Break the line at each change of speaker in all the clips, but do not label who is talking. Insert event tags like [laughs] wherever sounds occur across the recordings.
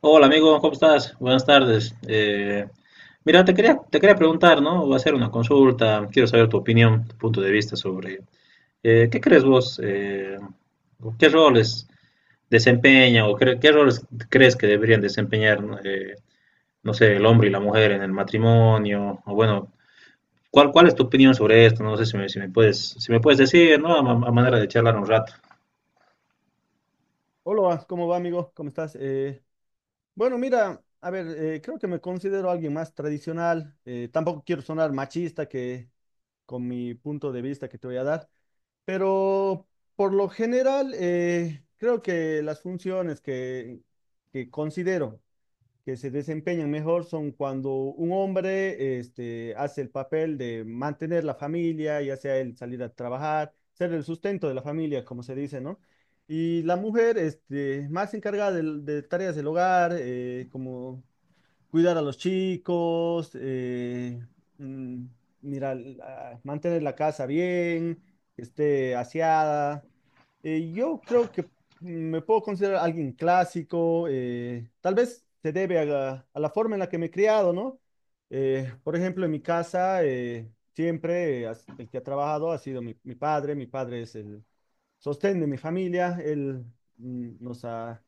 Hola amigo, ¿cómo estás? Buenas tardes. Mira, te quería preguntar, ¿no? Va a ser una consulta, quiero saber tu opinión, tu punto de vista sobre ¿qué crees vos? ¿Qué roles qué roles crees que deberían desempeñar? ¿No? No sé, ¿el hombre y la mujer en el matrimonio? O bueno, ¿cuál es tu opinión sobre esto? No sé si si me puedes, si me puedes decir, ¿no? A, a manera de charlar un rato.
Hola, ¿cómo va, amigo? ¿Cómo estás? Bueno, mira, a ver, creo que me considero alguien más tradicional. Tampoco quiero sonar machista que con mi punto de vista que te voy a dar, pero por lo general creo que las funciones que considero que se desempeñan mejor son cuando un hombre hace el papel de mantener la familia, ya sea el salir a trabajar, ser el sustento de la familia, como se dice, ¿no? Y la mujer, este, más encargada de tareas del hogar, como cuidar a los chicos, mm, mira, mantener la casa bien, que esté aseada. Yo creo que me puedo considerar alguien clásico, tal vez se debe a a la forma en la que me he criado, ¿no? Por ejemplo, en mi casa, el que ha trabajado ha sido mi padre es el sostén de mi familia, él mm, nos ha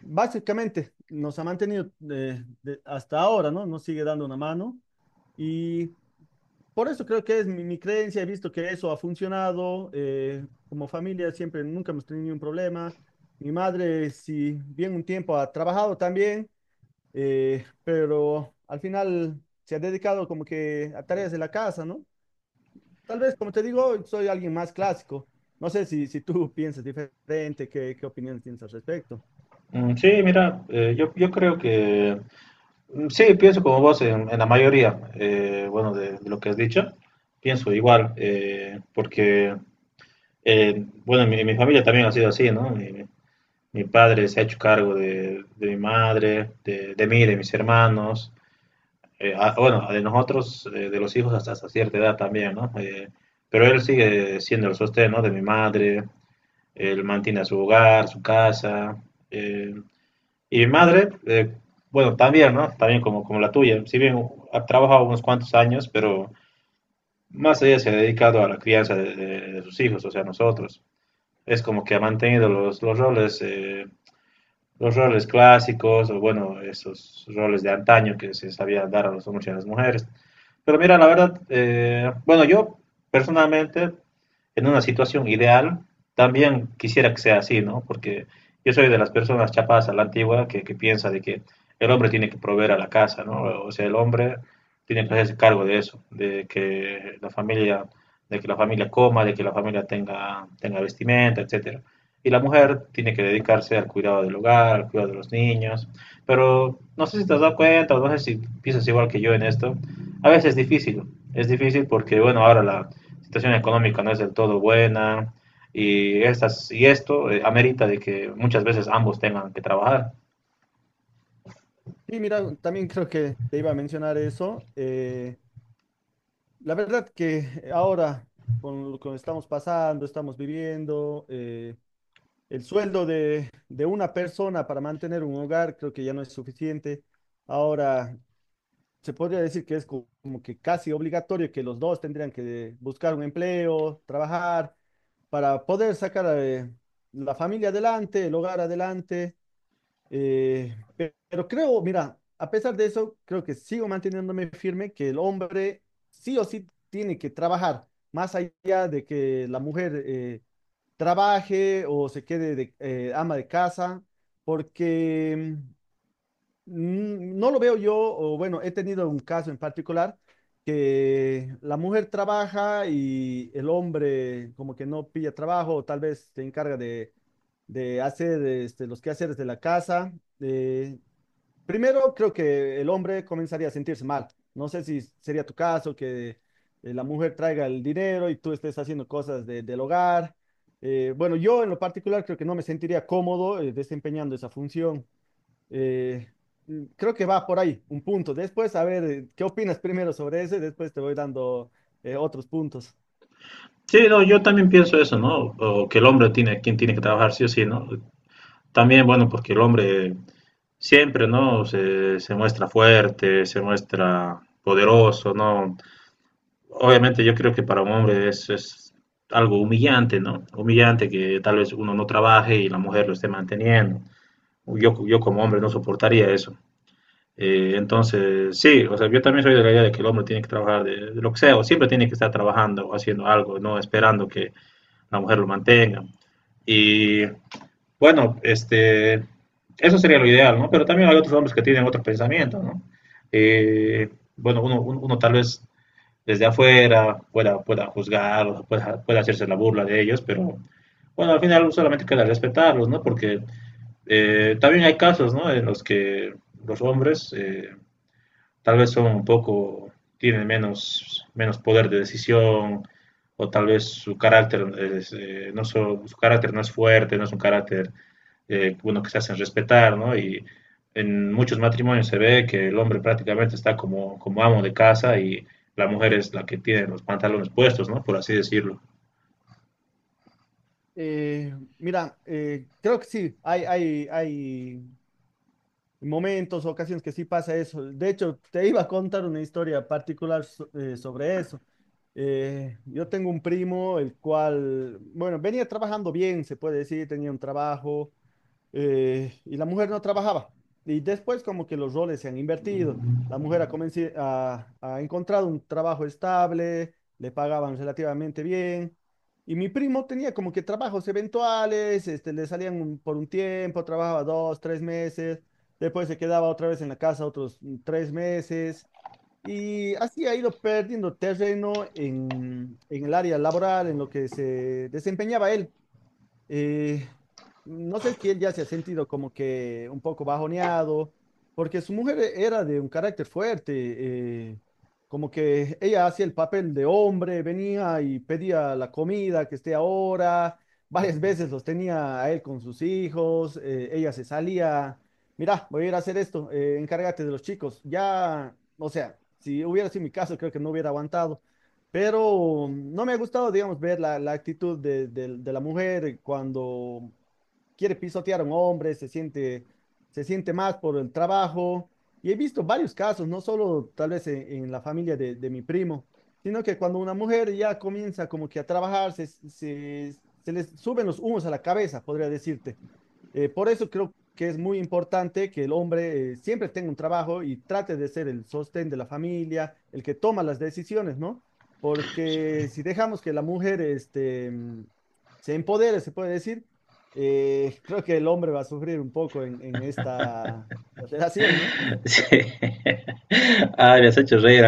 Básicamente nos ha mantenido hasta ahora, ¿no? Nos sigue dando una mano, y por eso creo que es mi creencia, he visto que eso ha funcionado, como familia siempre, nunca hemos tenido ningún problema. Mi madre, si bien un tiempo ha trabajado también, pero al final se ha dedicado como que a tareas de la casa, ¿no? Tal vez, como te digo, soy alguien más clásico. No sé si, si tú [laughs] piensas diferente, qué, qué opiniones tienes al respecto.
Mm, sí, mira, yo creo que mm, sí, pienso como vos en la mayoría, bueno, de lo que has dicho, pienso igual, porque, bueno, mi familia también ha sido así, ¿no? Mi padre se ha hecho cargo de mi madre, de mí, de mis hermanos, bueno, de nosotros, de los hijos hasta, hasta cierta edad también, ¿no? Pero él sigue siendo el sostén, ¿no? De mi madre, él mantiene su hogar, su casa. eh, y mi madre, bueno, también, ¿no? También como, como la tuya. Si bien ha trabajado unos cuantos años, pero más ella se ha dedicado a la crianza de, de sus hijos, o sea, nosotros. Es como que ha mantenido los roles clásicos, o bueno, esos roles de antaño que se sabía dar a los hombres y a las mujeres. Pero mira, la verdad, bueno, yo personalmente, en una situación ideal, también quisiera que sea así, ¿no? Porque yo soy de las personas chapadas a la antigua que piensa de que el hombre tiene que proveer a la casa, ¿no? O sea, el hombre tiene que hacerse cargo de eso, de que la familia, de que la familia coma, de que la familia tenga, tenga vestimenta, etcétera. Y la mujer tiene que dedicarse al cuidado del hogar, al cuidado de los niños. Pero no sé si te has dado cuenta, o no sé si piensas igual que yo en esto, a veces es difícil porque, bueno, ahora la situación económica no es del todo buena y esto amerita de que muchas veces ambos tengan que trabajar.
Sí, mira, también creo que te iba a mencionar eso. La verdad que ahora, con lo que estamos pasando, estamos viviendo, el sueldo de una persona para mantener un hogar creo que ya no es suficiente. Ahora, se podría decir que es como que casi obligatorio que los dos tendrían que buscar un empleo, trabajar, para poder sacar a la familia adelante, el hogar adelante. Pero creo, mira, a pesar de eso, creo que sigo manteniéndome firme que el hombre sí o sí tiene que trabajar, más allá de que la mujer trabaje o se quede de ama de casa, porque no lo veo yo, o bueno, he tenido un caso en particular que la mujer trabaja y el hombre como que no pilla trabajo, o tal vez se encarga de hacer este, los quehaceres de la casa. eh, Primero, creo que el hombre comenzaría a sentirse mal. No sé si sería tu caso, que la mujer traiga el dinero y tú estés haciendo cosas del hogar. Bueno, yo en lo particular creo que no me sentiría cómodo desempeñando esa función. Eh, Creo que va por ahí, un punto. Después, a ver, ¿qué opinas primero sobre ese? Después te voy dando otros puntos.
Sí, no, yo también pienso eso, ¿no? O que el hombre tiene, quien tiene que trabajar sí o sí, ¿no? También, bueno, porque el hombre siempre, ¿no? Se muestra fuerte, se muestra poderoso, ¿no? Obviamente yo creo que para un hombre es algo humillante, ¿no? Humillante que tal vez uno no trabaje y la mujer lo esté manteniendo. Yo como hombre no soportaría eso. Entonces, sí, o sea, yo también soy de la idea de que el hombre tiene que trabajar de lo que sea, o siempre tiene que estar trabajando o haciendo algo, no esperando que la mujer lo mantenga. Y bueno, este, eso sería lo ideal, ¿no? Pero también hay otros hombres que tienen otros pensamientos, ¿no? Eh, bueno, uno tal vez desde afuera pueda juzgar, o pueda hacerse la burla de ellos, pero bueno, al final solamente queda respetarlos, ¿no? Porque también hay casos, ¿no? En los que los hombres tal vez son un poco, tienen menos, menos poder de decisión o tal vez su carácter es, su carácter no es fuerte, no es un carácter bueno, que se hacen respetar, ¿no? Y en muchos matrimonios se ve que el hombre prácticamente está como, como amo de casa y la mujer es la que tiene los pantalones puestos, ¿no? Por así decirlo.
Mira, creo que sí, hay momentos, ocasiones que sí pasa eso. De hecho, te iba a contar una historia particular sobre eso. Yo tengo un primo, el cual, bueno, venía trabajando bien, se puede decir, tenía un trabajo. Y la mujer no trabajaba. Y después como que los roles se han invertido. La mujer ha encontrado un trabajo estable, le pagaban relativamente bien. Y mi primo tenía como que trabajos eventuales, este, por un tiempo, trabajaba dos, tres meses, después se quedaba otra vez en la casa otros tres meses. Y así ha ido perdiendo terreno en el área laboral, en lo que se desempeñaba él, eh, no sé si él ya se ha sentido como que un poco bajoneado, porque su mujer era de un carácter fuerte, como que ella hacía el papel de hombre, venía y pedía la comida que esté ahora, varias veces los tenía a él con sus hijos, ella se salía, mira, voy a ir a hacer esto, encárgate de los chicos, ya, o sea, si hubiera sido mi caso, creo que no hubiera aguantado. Pero no me ha gustado, digamos, ver la actitud de la mujer cuando quiere pisotear a un hombre, se siente más por el trabajo. Y he visto varios casos, no solo tal vez en la familia de mi primo, sino que cuando una mujer ya comienza como que a trabajar, se les suben los humos a la cabeza, podría decirte. Por eso creo que es muy importante que el hombre siempre tenga un trabajo y trate de ser el sostén de la familia, el que toma las decisiones, ¿no? Porque si dejamos que la mujer se empodere, se puede decir, creo que el hombre va a sufrir un poco en esta relación, ¿no?
[laughs] Ah, me has hecho reír.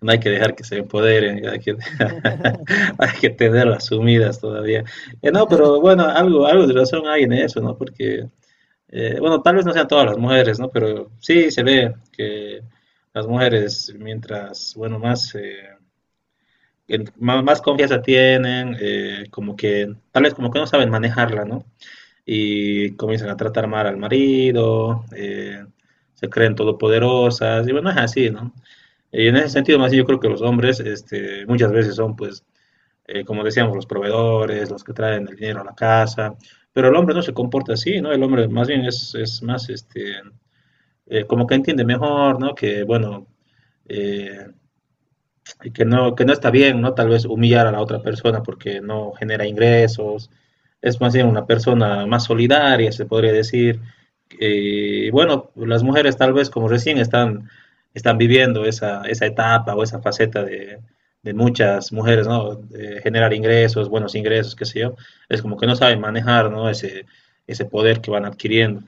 No hay que dejar que se empoderen, hay que,
[laughs]
[laughs] hay que tenerlas sumidas todavía. No, pero bueno, algo, algo de razón hay en eso, ¿no? Porque, bueno, tal vez no sean todas las mujeres, ¿no? Pero sí se ve que las mujeres, mientras, bueno, más, más, más confianza tienen, como que, tal vez como que no saben manejarla, ¿no? Y comienzan a tratar mal al marido, se creen todopoderosas, y bueno, es así, ¿no? Y en ese sentido, más yo creo que los hombres, este, muchas veces son, pues, como decíamos, los proveedores, los que traen el dinero a la casa, pero el hombre no se comporta así, ¿no? El hombre más bien es más, este, como que entiende mejor, ¿no? Que, bueno, eh, que no está bien, ¿no? Tal vez humillar a la otra persona porque no genera ingresos, es más bien una persona más solidaria, se podría decir. Bueno, las mujeres tal vez como recién están, están viviendo esa, esa etapa o esa faceta de muchas mujeres, ¿no? De generar ingresos, buenos ingresos, qué sé yo, es como que no saben manejar, ¿no? Ese poder que van adquiriendo.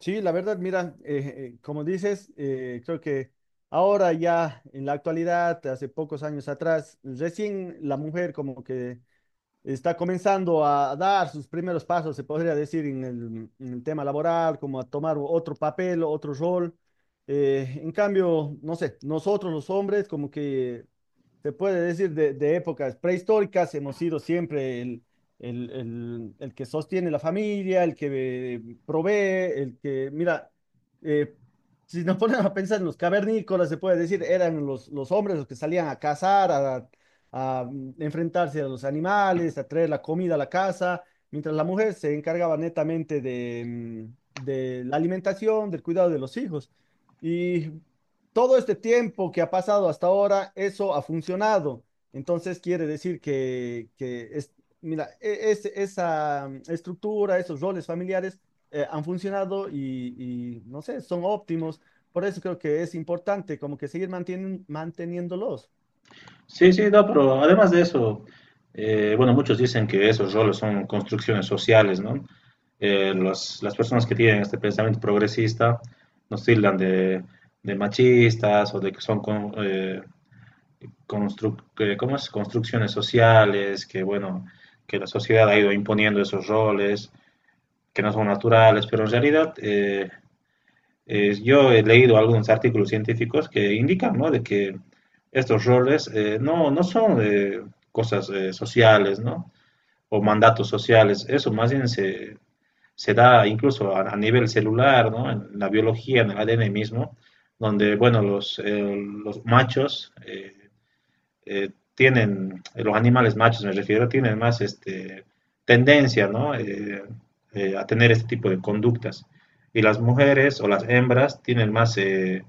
Sí, la verdad, mira, como dices, creo que ahora ya en la actualidad, hace pocos años atrás, recién la mujer como que está comenzando a dar sus primeros pasos, se podría decir, en en el tema laboral, como a tomar otro papel, otro rol. En cambio, no sé, nosotros los hombres como que se puede decir, de épocas prehistóricas, hemos sido siempre el que sostiene la familia, el que provee, el que, mira, eh, si nos [laughs] ponemos a pensar en los cavernícolas, se puede decir, eran los hombres los que salían a cazar, a enfrentarse a los animales, a traer la comida a la casa, mientras la mujer se encargaba netamente de la alimentación, del cuidado de los hijos. Y todo este tiempo que ha pasado hasta ahora, eso ha funcionado. Entonces quiere decir que es, mira, esa estructura, esos roles familiares han funcionado y, no sé, son óptimos. Por eso creo que es importante como que seguir manteniéndolos.
Sí, sí, no, pero además de eso, bueno, muchos dicen que esos roles son construcciones sociales, ¿no? Las personas que tienen este pensamiento progresista nos tildan de machistas o de que son ¿cómo es? Construcciones sociales, que bueno, que la sociedad ha ido imponiendo esos roles que no son naturales, pero en realidad yo he leído algunos artículos científicos que indican, ¿no? De que estos roles no son cosas sociales, ¿no? O mandatos sociales. Eso más bien se da incluso a nivel celular, ¿no? En la biología, en el ADN mismo, donde, bueno, los machos tienen, los animales machos me refiero, tienen más este, tendencia, ¿no? A tener este tipo de conductas. Y las mujeres o las hembras tienen más, eh,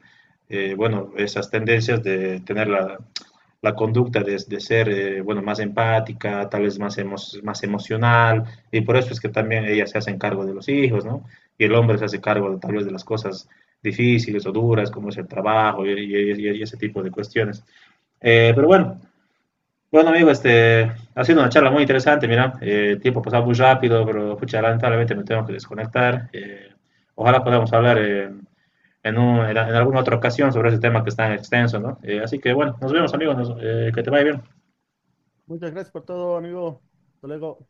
eh, bueno, esas tendencias de tener la, la conducta de ser, bueno, más empática, tal vez más, emo más emocional, y por eso es que también ellas se hacen cargo de los hijos, ¿no? Y el hombre se hace cargo tal vez de las cosas difíciles o duras, como es el trabajo y ese tipo de cuestiones. Eh, pero bueno, bueno, amigo, este, ha sido una charla muy interesante, mira, el tiempo ha pasado muy rápido, pero pucha, lamentablemente me tengo que desconectar. Ojalá podamos hablar en alguna otra ocasión sobre ese tema que es tan extenso, ¿no? Así que bueno, nos vemos, amigos, que te vaya bien.
Muchas gracias por todo, amigo. Hasta luego.